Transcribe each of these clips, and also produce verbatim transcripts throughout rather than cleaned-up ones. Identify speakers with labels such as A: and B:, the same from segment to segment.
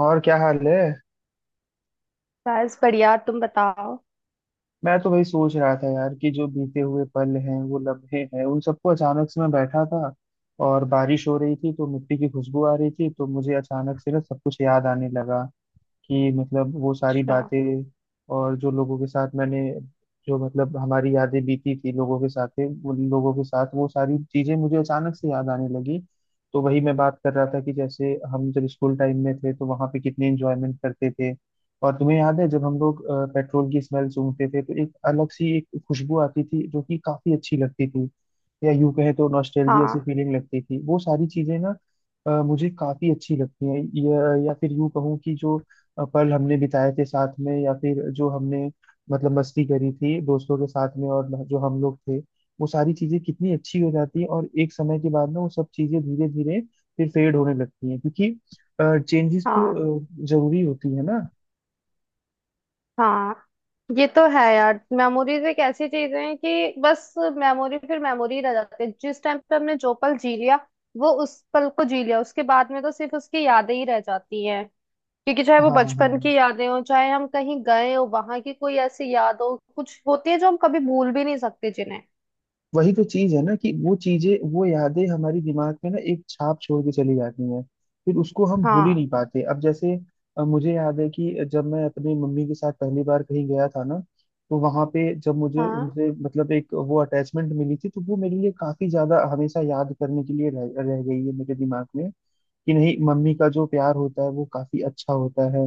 A: और क्या हाल है।
B: बस बढ़िया, तुम बताओ।
A: मैं तो वही सोच रहा था यार कि जो बीते हुए पल हैं, वो लम्हे हैं, उन सबको अचानक से मैं बैठा था और बारिश हो रही थी, तो मिट्टी की खुशबू आ रही थी। तो मुझे अचानक से ना सब कुछ याद आने लगा कि मतलब वो सारी
B: अच्छा।
A: बातें और जो लोगों के साथ मैंने जो मतलब हमारी यादें बीती थी लोगों के साथ, उन लोगों के साथ वो सारी चीजें मुझे अचानक से याद आने लगी। तो वही मैं बात कर रहा था कि जैसे हम जब स्कूल टाइम में थे तो वहां पे कितने एंजॉयमेंट करते थे। और तुम्हें याद है जब हम लोग अ, पेट्रोल की स्मेल सूंघते थे, तो एक अलग सी एक खुशबू आती थी जो कि काफी अच्छी लगती थी। या यूं कहें तो नॉस्टैल्जिया सी
B: हाँ,
A: फीलिंग लगती थी वो सारी चीजें ना। अ, मुझे काफी अच्छी लगती हैं, या, या फिर यूं कहूँ कि जो अ, पल हमने बिताए थे साथ में, या फिर जो हमने मतलब मस्ती करी थी दोस्तों के साथ में, और जो हम लोग थे वो सारी चीजें कितनी अच्छी हो जाती है। और एक समय के बाद ना वो सब चीजें धीरे धीरे फिर फेड होने लगती हैं, क्योंकि चेंजेस
B: हाँ,
A: तो अ, जरूरी होती है ना।
B: हाँ, ये तो है यार। मेमोरीज एक ऐसी चीज है कि बस मेमोरी फिर मेमोरी रह जाती है। जिस टाइम पे हमने जो पल जी लिया, वो उस पल को जी लिया, उसके बाद में तो सिर्फ उसकी यादें ही रह जाती हैं। क्योंकि चाहे वो
A: हाँ, हाँ,
B: बचपन
A: हाँ।
B: की यादें हो, चाहे हम कहीं गए हो वहां की कोई ऐसी याद हो, कुछ होती है जो हम कभी भूल भी नहीं सकते जिन्हें।
A: वही तो चीज है ना कि वो चीजें, वो यादें हमारी दिमाग में ना एक छाप छोड़ के चली जाती हैं, फिर उसको हम भूल ही
B: हाँ,
A: नहीं पाते। अब जैसे अ, मुझे याद है कि जब मैं अपनी मम्मी के साथ पहली बार कहीं गया था ना, तो वहां पे जब मुझे
B: हाँ,
A: उनसे मतलब एक वो अटैचमेंट मिली थी, तो वो मेरे लिए काफी ज्यादा हमेशा याद करने के लिए रह, रह गई है मेरे दिमाग में कि नहीं, मम्मी का जो प्यार होता है वो काफी अच्छा होता है।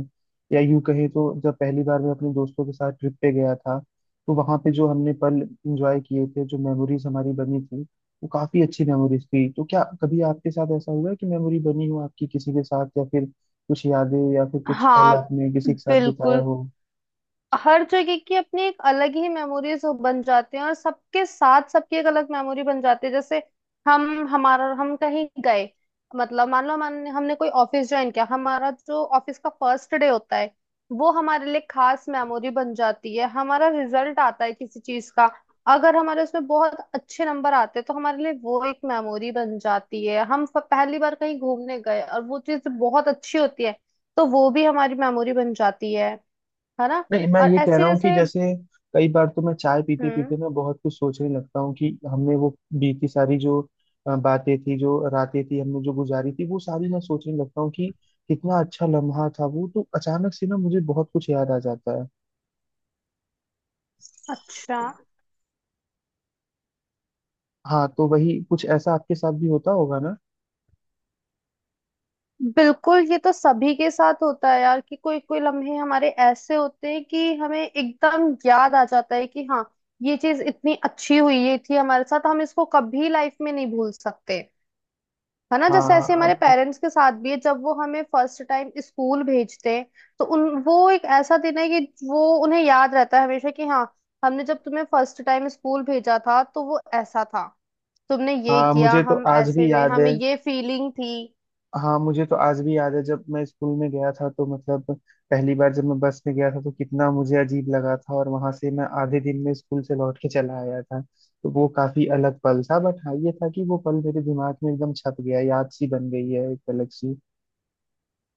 A: या यूं कहे तो जब पहली बार मैं अपने दोस्तों के साथ ट्रिप पे गया था, तो वहां पे जो हमने पल एंजॉय किए थे, जो मेमोरीज हमारी बनी थी, वो काफी अच्छी मेमोरीज थी। तो क्या कभी आपके साथ ऐसा हुआ है कि मेमोरी बनी हो आपकी किसी के साथ, या फिर कुछ यादें या फिर कुछ पल
B: हाँ,
A: आपने किसी के साथ बिताया
B: बिल्कुल।
A: हो?
B: हर जगह की अपनी एक अलग ही मेमोरीज बन जाती हैं, और सबके साथ सबकी एक अलग मेमोरी बन जाती है। जैसे हम हमारा हम कहीं गए, मतलब मान लो हमने हमने कोई ऑफिस ज्वाइन किया, हमारा जो ऑफिस का फर्स्ट डे होता है वो हमारे लिए खास मेमोरी बन जाती है। हमारा रिजल्ट आता है किसी चीज का, अगर हमारे उसमें बहुत अच्छे नंबर आते हैं, तो हमारे लिए वो एक मेमोरी बन जाती है। हम फ- पहली बार कहीं घूमने गए और वो चीज बहुत अच्छी होती है, तो वो भी हमारी मेमोरी बन जाती है। है ना?
A: नहीं, मैं
B: और
A: ये कह
B: ऐसे
A: रहा हूँ कि
B: जैसे।
A: जैसे कई बार तो मैं चाय पीते
B: हम्म।
A: पीते ना बहुत कुछ सोचने लगता हूँ कि हमने वो बीती सारी जो अ, बातें थी, जो रातें थी हमने जो गुजारी थी, वो सारी मैं सोचने लगता हूँ कि कितना अच्छा लम्हा था वो। तो अचानक से ना मुझे बहुत कुछ याद आ जाता है।
B: अच्छा।
A: हाँ, तो वही कुछ ऐसा आपके साथ भी होता होगा ना।
B: बिल्कुल, ये तो सभी के साथ होता है यार। कि कोई कोई लम्हे हमारे ऐसे होते हैं कि हमें एकदम याद आ जाता है कि हाँ, ये चीज इतनी अच्छी हुई, ये थी हमारे साथ, हम इसको कभी लाइफ में नहीं भूल सकते। है ना? जैसे ऐसे
A: हाँ,
B: हमारे
A: अब-
B: पेरेंट्स के साथ भी है, जब वो हमें फर्स्ट टाइम स्कूल भेजते हैं, तो उन वो एक ऐसा दिन है कि वो उन्हें याद रहता है हमेशा। कि हाँ, हमने जब तुम्हें फर्स्ट टाइम स्कूल भेजा था तो वो ऐसा था, तुमने ये
A: हाँ,
B: किया,
A: मुझे तो
B: हम
A: आज
B: ऐसे
A: भी
B: हुए,
A: याद
B: हमें
A: है।
B: ये फीलिंग थी।
A: हाँ, मुझे तो आज भी याद है जब मैं स्कूल में गया था, तो मतलब पहली बार जब मैं बस में गया था, तो कितना मुझे अजीब लगा था, और वहां से मैं आधे दिन में स्कूल से लौट के चला आया था। तो वो काफी अलग पल था, बट हाँ ये था कि वो पल मेरे दिमाग में एकदम छप गया, याद सी बन गई है एक अलग सी।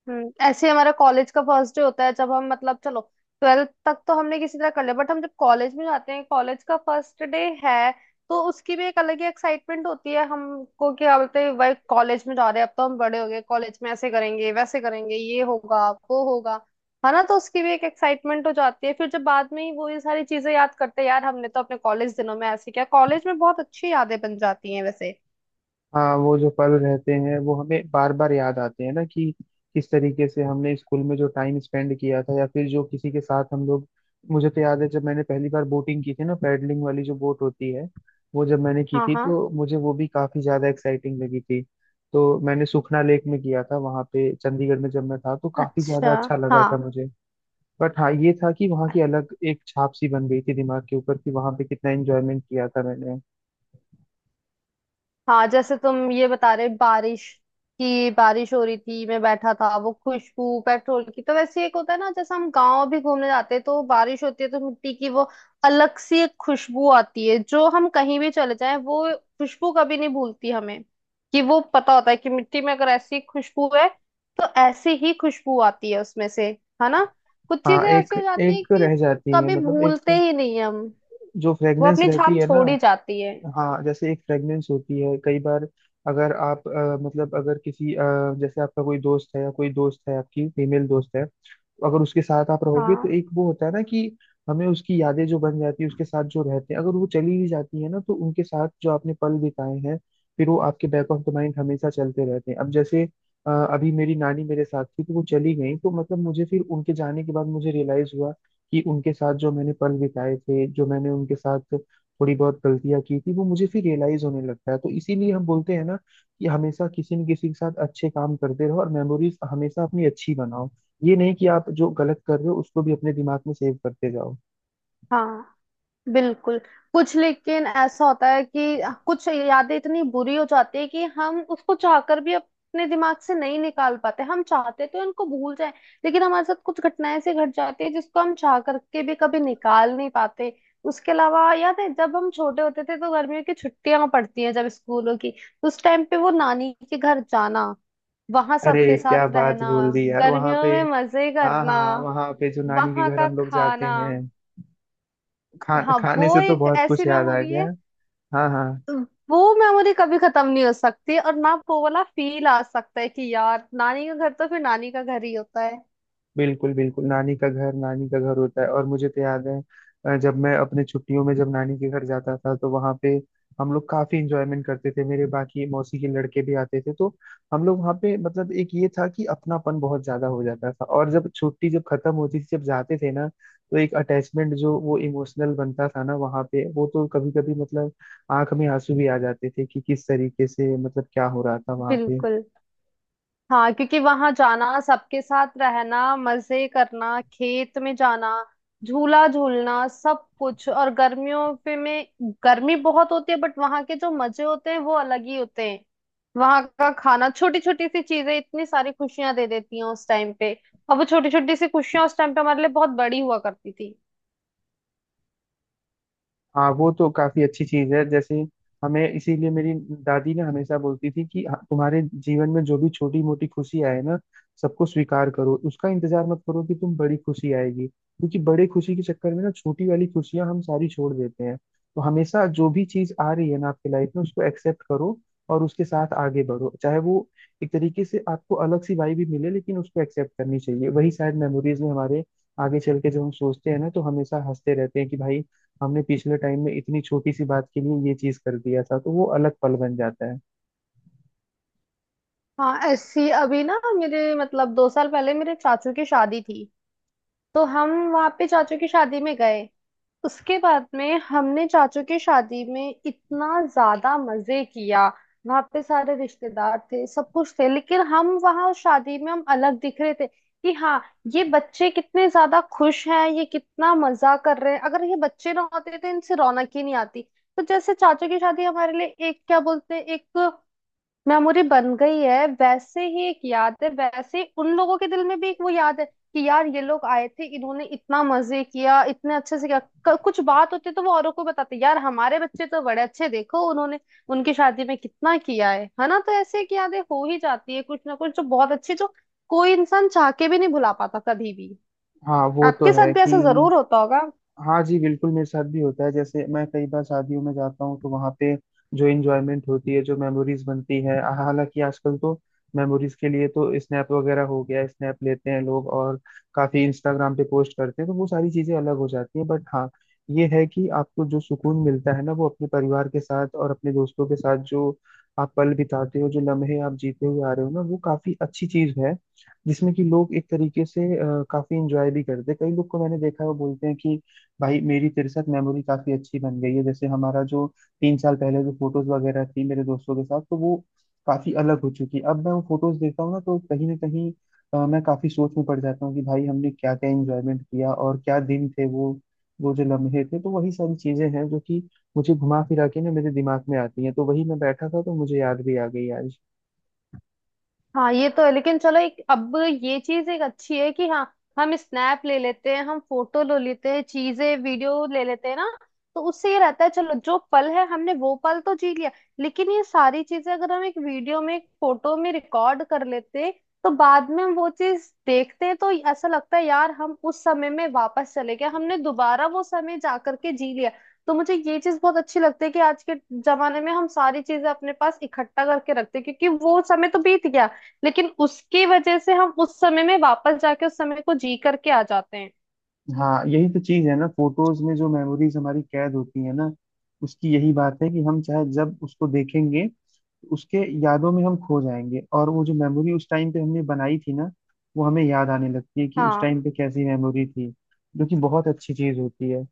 B: हम्म। ऐसे हमारा कॉलेज का फर्स्ट डे होता है। जब हम मतलब, चलो ट्वेल्थ तक तो हमने किसी तरह कर लिया, बट हम जब कॉलेज में जाते हैं, कॉलेज का फर्स्ट डे है, तो उसकी भी एक अलग ही एक्साइटमेंट होती है। हमको क्या बोलते हैं, भाई कॉलेज में जा रहे हैं, अब तो हम बड़े हो गए, कॉलेज में ऐसे करेंगे, वैसे करेंगे, ये होगा, वो होगा। है ना? तो उसकी भी एक एक्साइटमेंट हो जाती है। फिर जब बाद में ही वो ये सारी चीजें याद करते हैं, यार हमने तो अपने कॉलेज दिनों में ऐसे किया। कॉलेज में बहुत अच्छी यादें बन जाती हैं वैसे।
A: हाँ, वो जो पल रहते हैं वो हमें बार बार याद आते हैं ना कि किस तरीके से हमने स्कूल में जो टाइम स्पेंड किया था, या फिर जो किसी के साथ हम लोग। मुझे तो याद है जब मैंने पहली बार बोटिंग की थी ना, पैडलिंग वाली जो बोट होती है, वो जब मैंने की
B: हाँ,
A: थी
B: हाँ।
A: तो मुझे वो भी काफी ज्यादा एक्साइटिंग लगी थी। तो मैंने सुखना लेक में किया था, वहां पे चंडीगढ़ में जब मैं था, तो काफी ज्यादा
B: अच्छा।
A: अच्छा लगा
B: हाँ,
A: था मुझे। बट हाँ ये था कि वहाँ की अलग एक छाप सी बन गई थी दिमाग के ऊपर कि वहां पे कितना एंजॉयमेंट किया था मैंने।
B: हाँ, जैसे तुम ये बता रहे बारिश की, बारिश हो रही थी, मैं बैठा था, वो खुशबू पेट्रोल की। तो वैसे एक होता है ना, जैसे हम गांव भी घूमने जाते हैं तो बारिश होती है, तो मिट्टी की वो अलग सी एक खुशबू आती है, जो हम कहीं भी चले जाएं वो खुशबू कभी नहीं भूलती हमें। कि वो पता होता है कि मिट्टी में अगर ऐसी खुशबू है तो ऐसी ही खुशबू आती है उसमें से। है ना? कुछ
A: हाँ,
B: चीजें
A: एक
B: ऐसी हो जाती है
A: एक
B: कि
A: रह जाती है,
B: कभी
A: मतलब
B: भूलते
A: एक
B: ही नहीं हम।
A: जो
B: वो
A: फ्रेग्रेंस
B: अपनी
A: रहती
B: छाप
A: है ना।
B: छोड़ ही जाती है।
A: हाँ, जैसे एक फ्रेगनेंस होती है कई बार। अगर आप अ, मतलब अगर किसी अ, जैसे आपका कोई दोस्त है, या कोई दोस्त है आपकी फीमेल दोस्त है, तो अगर उसके साथ आप रहोगे, तो
B: हाँ,
A: एक वो होता है ना कि हमें उसकी यादें जो बन जाती है उसके साथ जो रहते हैं, अगर वो चली भी जाती है ना, तो उनके साथ जो आपने पल बिताए हैं, फिर वो आपके बैक ऑफ द माइंड हमेशा चलते रहते हैं। अब जैसे अ, अभी मेरी नानी मेरे साथ थी, तो वो चली गई, तो मतलब मुझे फिर उनके जाने के बाद मुझे रियलाइज हुआ कि उनके साथ जो मैंने पल बिताए थे, जो मैंने उनके साथ थोड़ी बहुत गलतियां की थी, वो मुझे फिर रियलाइज होने लगता है। तो इसीलिए हम बोलते हैं ना कि हमेशा किसी न किसी के साथ अच्छे काम करते रहो, और मेमोरीज हमेशा अपनी अच्छी बनाओ। ये नहीं कि आप जो गलत कर रहे हो उसको भी अपने दिमाग में सेव करते जाओ।
B: हाँ, बिल्कुल। कुछ लेकिन ऐसा होता है कि कुछ यादें इतनी बुरी हो जाती है कि हम उसको चाहकर भी अपने दिमाग से नहीं निकाल पाते। हम चाहते तो इनको भूल जाए, लेकिन हमारे साथ कुछ घटनाएं ऐसी घट जाती है जिसको हम चाह करके भी कभी निकाल नहीं पाते। उसके अलावा याद है जब हम छोटे होते थे, तो गर्मियों की छुट्टियां पड़ती हैं जब स्कूलों की, तो उस टाइम पे वो नानी के घर जाना, वहां
A: अरे,
B: सबके
A: क्या
B: साथ
A: बात
B: रहना,
A: बोल दी यार। वहां पे
B: गर्मियों में मजे
A: हाँ,
B: करना,
A: हाँ, वहां पे जो नानी के
B: वहां
A: घर
B: का
A: हम लोग जाते
B: खाना।
A: हैं। खा,
B: हाँ,
A: खाने
B: वो
A: से तो
B: एक
A: बहुत कुछ
B: ऐसी
A: याद आ
B: मेमोरी
A: गया।
B: है।
A: हाँ, हाँ।
B: वो मेमोरी कभी खत्म नहीं हो सकती, और ना वो वाला फील आ सकता है कि यार नानी का घर तो फिर नानी का घर ही होता है।
A: बिल्कुल, बिल्कुल, नानी का घर नानी का घर होता है। और मुझे तो याद है अ, जब मैं अपने छुट्टियों में जब नानी के घर जाता था, तो वहां पे हम लोग काफी इंजॉयमेंट करते थे, मेरे बाकी मौसी के लड़के भी आते थे, तो हम लोग वहाँ पे मतलब एक ये था कि अपनापन बहुत ज्यादा हो जाता था। और जब छुट्टी जब खत्म होती थी, जब जाते थे ना, तो एक अटैचमेंट जो वो इमोशनल बनता था ना वहाँ पे, वो तो कभी कभी मतलब आंख में आंसू भी आ जाते थे कि किस तरीके से मतलब क्या हो रहा था वहाँ पे।
B: बिल्कुल। हाँ, क्योंकि वहां जाना, सबके साथ रहना, मजे करना, खेत में जाना, झूला झूलना, सब कुछ। और गर्मियों पे में गर्मी बहुत होती है बट वहां के जो मजे होते हैं वो अलग ही होते हैं। वहां का खाना, छोटी छोटी सी चीजें इतनी सारी खुशियां दे देती हैं उस टाइम पे। और वो छोटी छोटी सी खुशियां उस टाइम पे हमारे लिए बहुत बड़ी हुआ करती थी।
A: हाँ, वो तो काफी अच्छी चीज है। जैसे हमें इसीलिए मेरी दादी ना हमेशा बोलती थी कि हाँ, तुम्हारे जीवन में जो भी छोटी मोटी खुशी आए ना, सबको स्वीकार करो, उसका इंतजार मत करो कि तुम बड़ी खुशी आएगी, क्योंकि बड़े खुशी के चक्कर में ना छोटी वाली खुशियां हम सारी छोड़ देते हैं। तो हमेशा जो भी चीज आ रही है ना आपकी लाइफ में, उसको एक्सेप्ट करो, और उसके साथ आगे बढ़ो, चाहे वो एक तरीके से आपको अलग सी वाई भी मिले, लेकिन उसको एक्सेप्ट करनी चाहिए। वही शायद मेमोरीज में हमारे आगे चल के जब हम सोचते हैं ना, तो हमेशा हंसते रहते हैं कि भाई हमने पिछले टाइम में इतनी छोटी सी बात के लिए ये चीज कर दिया था, तो वो अलग पल बन जाता है।
B: हाँ, ऐसी अभी ना, मेरे मतलब दो साल पहले मेरे चाचू की शादी थी, तो हम वहां पे चाचू की शादी में गए। उसके बाद में हमने चाचू की शादी में इतना ज्यादा मजे किया। वहां पे सारे रिश्तेदार थे, सब कुछ थे, लेकिन हम वहां उस शादी में हम अलग दिख रहे थे। कि हाँ, ये बच्चे कितने ज्यादा खुश हैं, ये कितना मजा कर रहे हैं, अगर ये बच्चे ना होते तो इनसे रौनक ही नहीं आती। तो जैसे चाचू की शादी हमारे लिए एक, क्या बोलते हैं, एक मेमोरी बन गई है। वैसे ही एक याद है, वैसे ही उन लोगों के दिल में भी एक वो याद है कि यार ये लोग आए थे, इन्होंने इतना मजे किया, इतने अच्छे से किया। क- कुछ बात होती तो वो औरों को बताते, यार हमारे बच्चे तो बड़े अच्छे, देखो उन्होंने उनकी शादी में कितना किया है। है ना? तो ऐसे एक यादें हो ही जाती है कुछ ना कुछ, जो बहुत अच्छी, जो कोई इंसान चाह के भी नहीं भुला पाता कभी भी।
A: हाँ, वो तो
B: आपके
A: है
B: साथ भी
A: कि
B: ऐसा जरूर होता होगा।
A: हाँ जी, बिल्कुल मेरे साथ भी होता है। जैसे मैं कई बार शादियों में जाता हूँ, तो वहाँ पे जो एंजॉयमेंट होती है, जो मेमोरीज बनती है, हालांकि आजकल तो मेमोरीज के लिए तो स्नैप वगैरह हो गया, स्नैप लेते हैं लोग, और काफी इंस्टाग्राम पे पोस्ट करते हैं, तो वो सारी चीजें अलग हो जाती है। बट हाँ, ये है कि आपको जो सुकून मिलता है ना वो अपने परिवार के साथ और अपने दोस्तों के साथ जो आप पल बिताते हो, जो लम्हे आप जीते हुए आ रहे हो ना, वो काफी अच्छी चीज है जिसमें कि लोग एक तरीके से अ, काफी इंजॉय भी करते हैं। कई लोग को मैंने देखा है वो बोलते हैं कि भाई मेरी तेरे साथ मेमोरी काफी अच्छी बन गई है। जैसे हमारा जो तीन साल पहले जो फोटोज वगैरह थी मेरे दोस्तों के साथ, तो वो काफी अलग हो चुकी है। अब मैं वो फोटोज देखता हूँ ना, तो कहीं ना कहीं अ, मैं काफी सोच में पड़ जाता हूँ कि भाई हमने क्या क्या एंजॉयमेंट किया, और क्या दिन थे वो वो जो लम्हे थे। तो वही सारी चीजें हैं जो कि मुझे घुमा फिरा के ना मेरे दिमाग में आती हैं, तो वही मैं बैठा था तो मुझे याद भी आ गई आज।
B: हाँ, ये तो है, लेकिन चलो एक अब ये चीज एक अच्छी है कि हाँ, हम स्नैप ले लेते हैं, हम फोटो ले लेते हैं, चीजें वीडियो ले लेते हैं ना, तो उससे ये रहता है चलो जो पल है हमने वो पल तो जी लिया। लेकिन ये सारी चीजें अगर हम एक वीडियो में एक फोटो में रिकॉर्ड कर लेते, तो बाद में हम वो चीज देखते हैं तो ऐसा लगता है यार हम उस समय में वापस चले गए, हमने दोबारा वो समय जा करके जी लिया। तो मुझे ये चीज बहुत अच्छी लगती है कि आज के जमाने में हम सारी चीजें अपने पास इकट्ठा करके रखते हैं, क्योंकि वो समय तो बीत गया, लेकिन उसकी वजह से हम उस समय में वापस जाके उस समय को जी करके आ जाते हैं।
A: हाँ, यही तो चीज है ना, फोटोज में जो मेमोरीज हमारी कैद होती है ना, उसकी यही बात है कि हम चाहे जब उसको देखेंगे, उसके यादों में हम खो जाएंगे, और वो जो मेमोरी उस टाइम पे हमने बनाई थी ना, वो हमें याद आने लगती है कि उस टाइम
B: हाँ।
A: पे कैसी मेमोरी थी, जो कि बहुत अच्छी चीज होती है।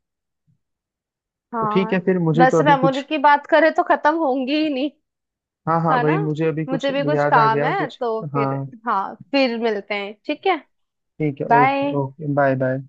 A: तो
B: हाँ,
A: ठीक है, फिर मुझे तो
B: वैसे
A: अभी कुछ
B: मेमोरी की बात करें तो खत्म होंगी ही नहीं।
A: हाँ, हाँ
B: है ना?
A: भाई मुझे अभी कुछ
B: मुझे भी कुछ
A: याद आ
B: काम
A: गया
B: है,
A: कुछ।
B: तो फिर।
A: हाँ,
B: हाँ, फिर मिलते हैं, ठीक है।
A: ठीक है, okay,
B: bye.
A: Okay, bye bye.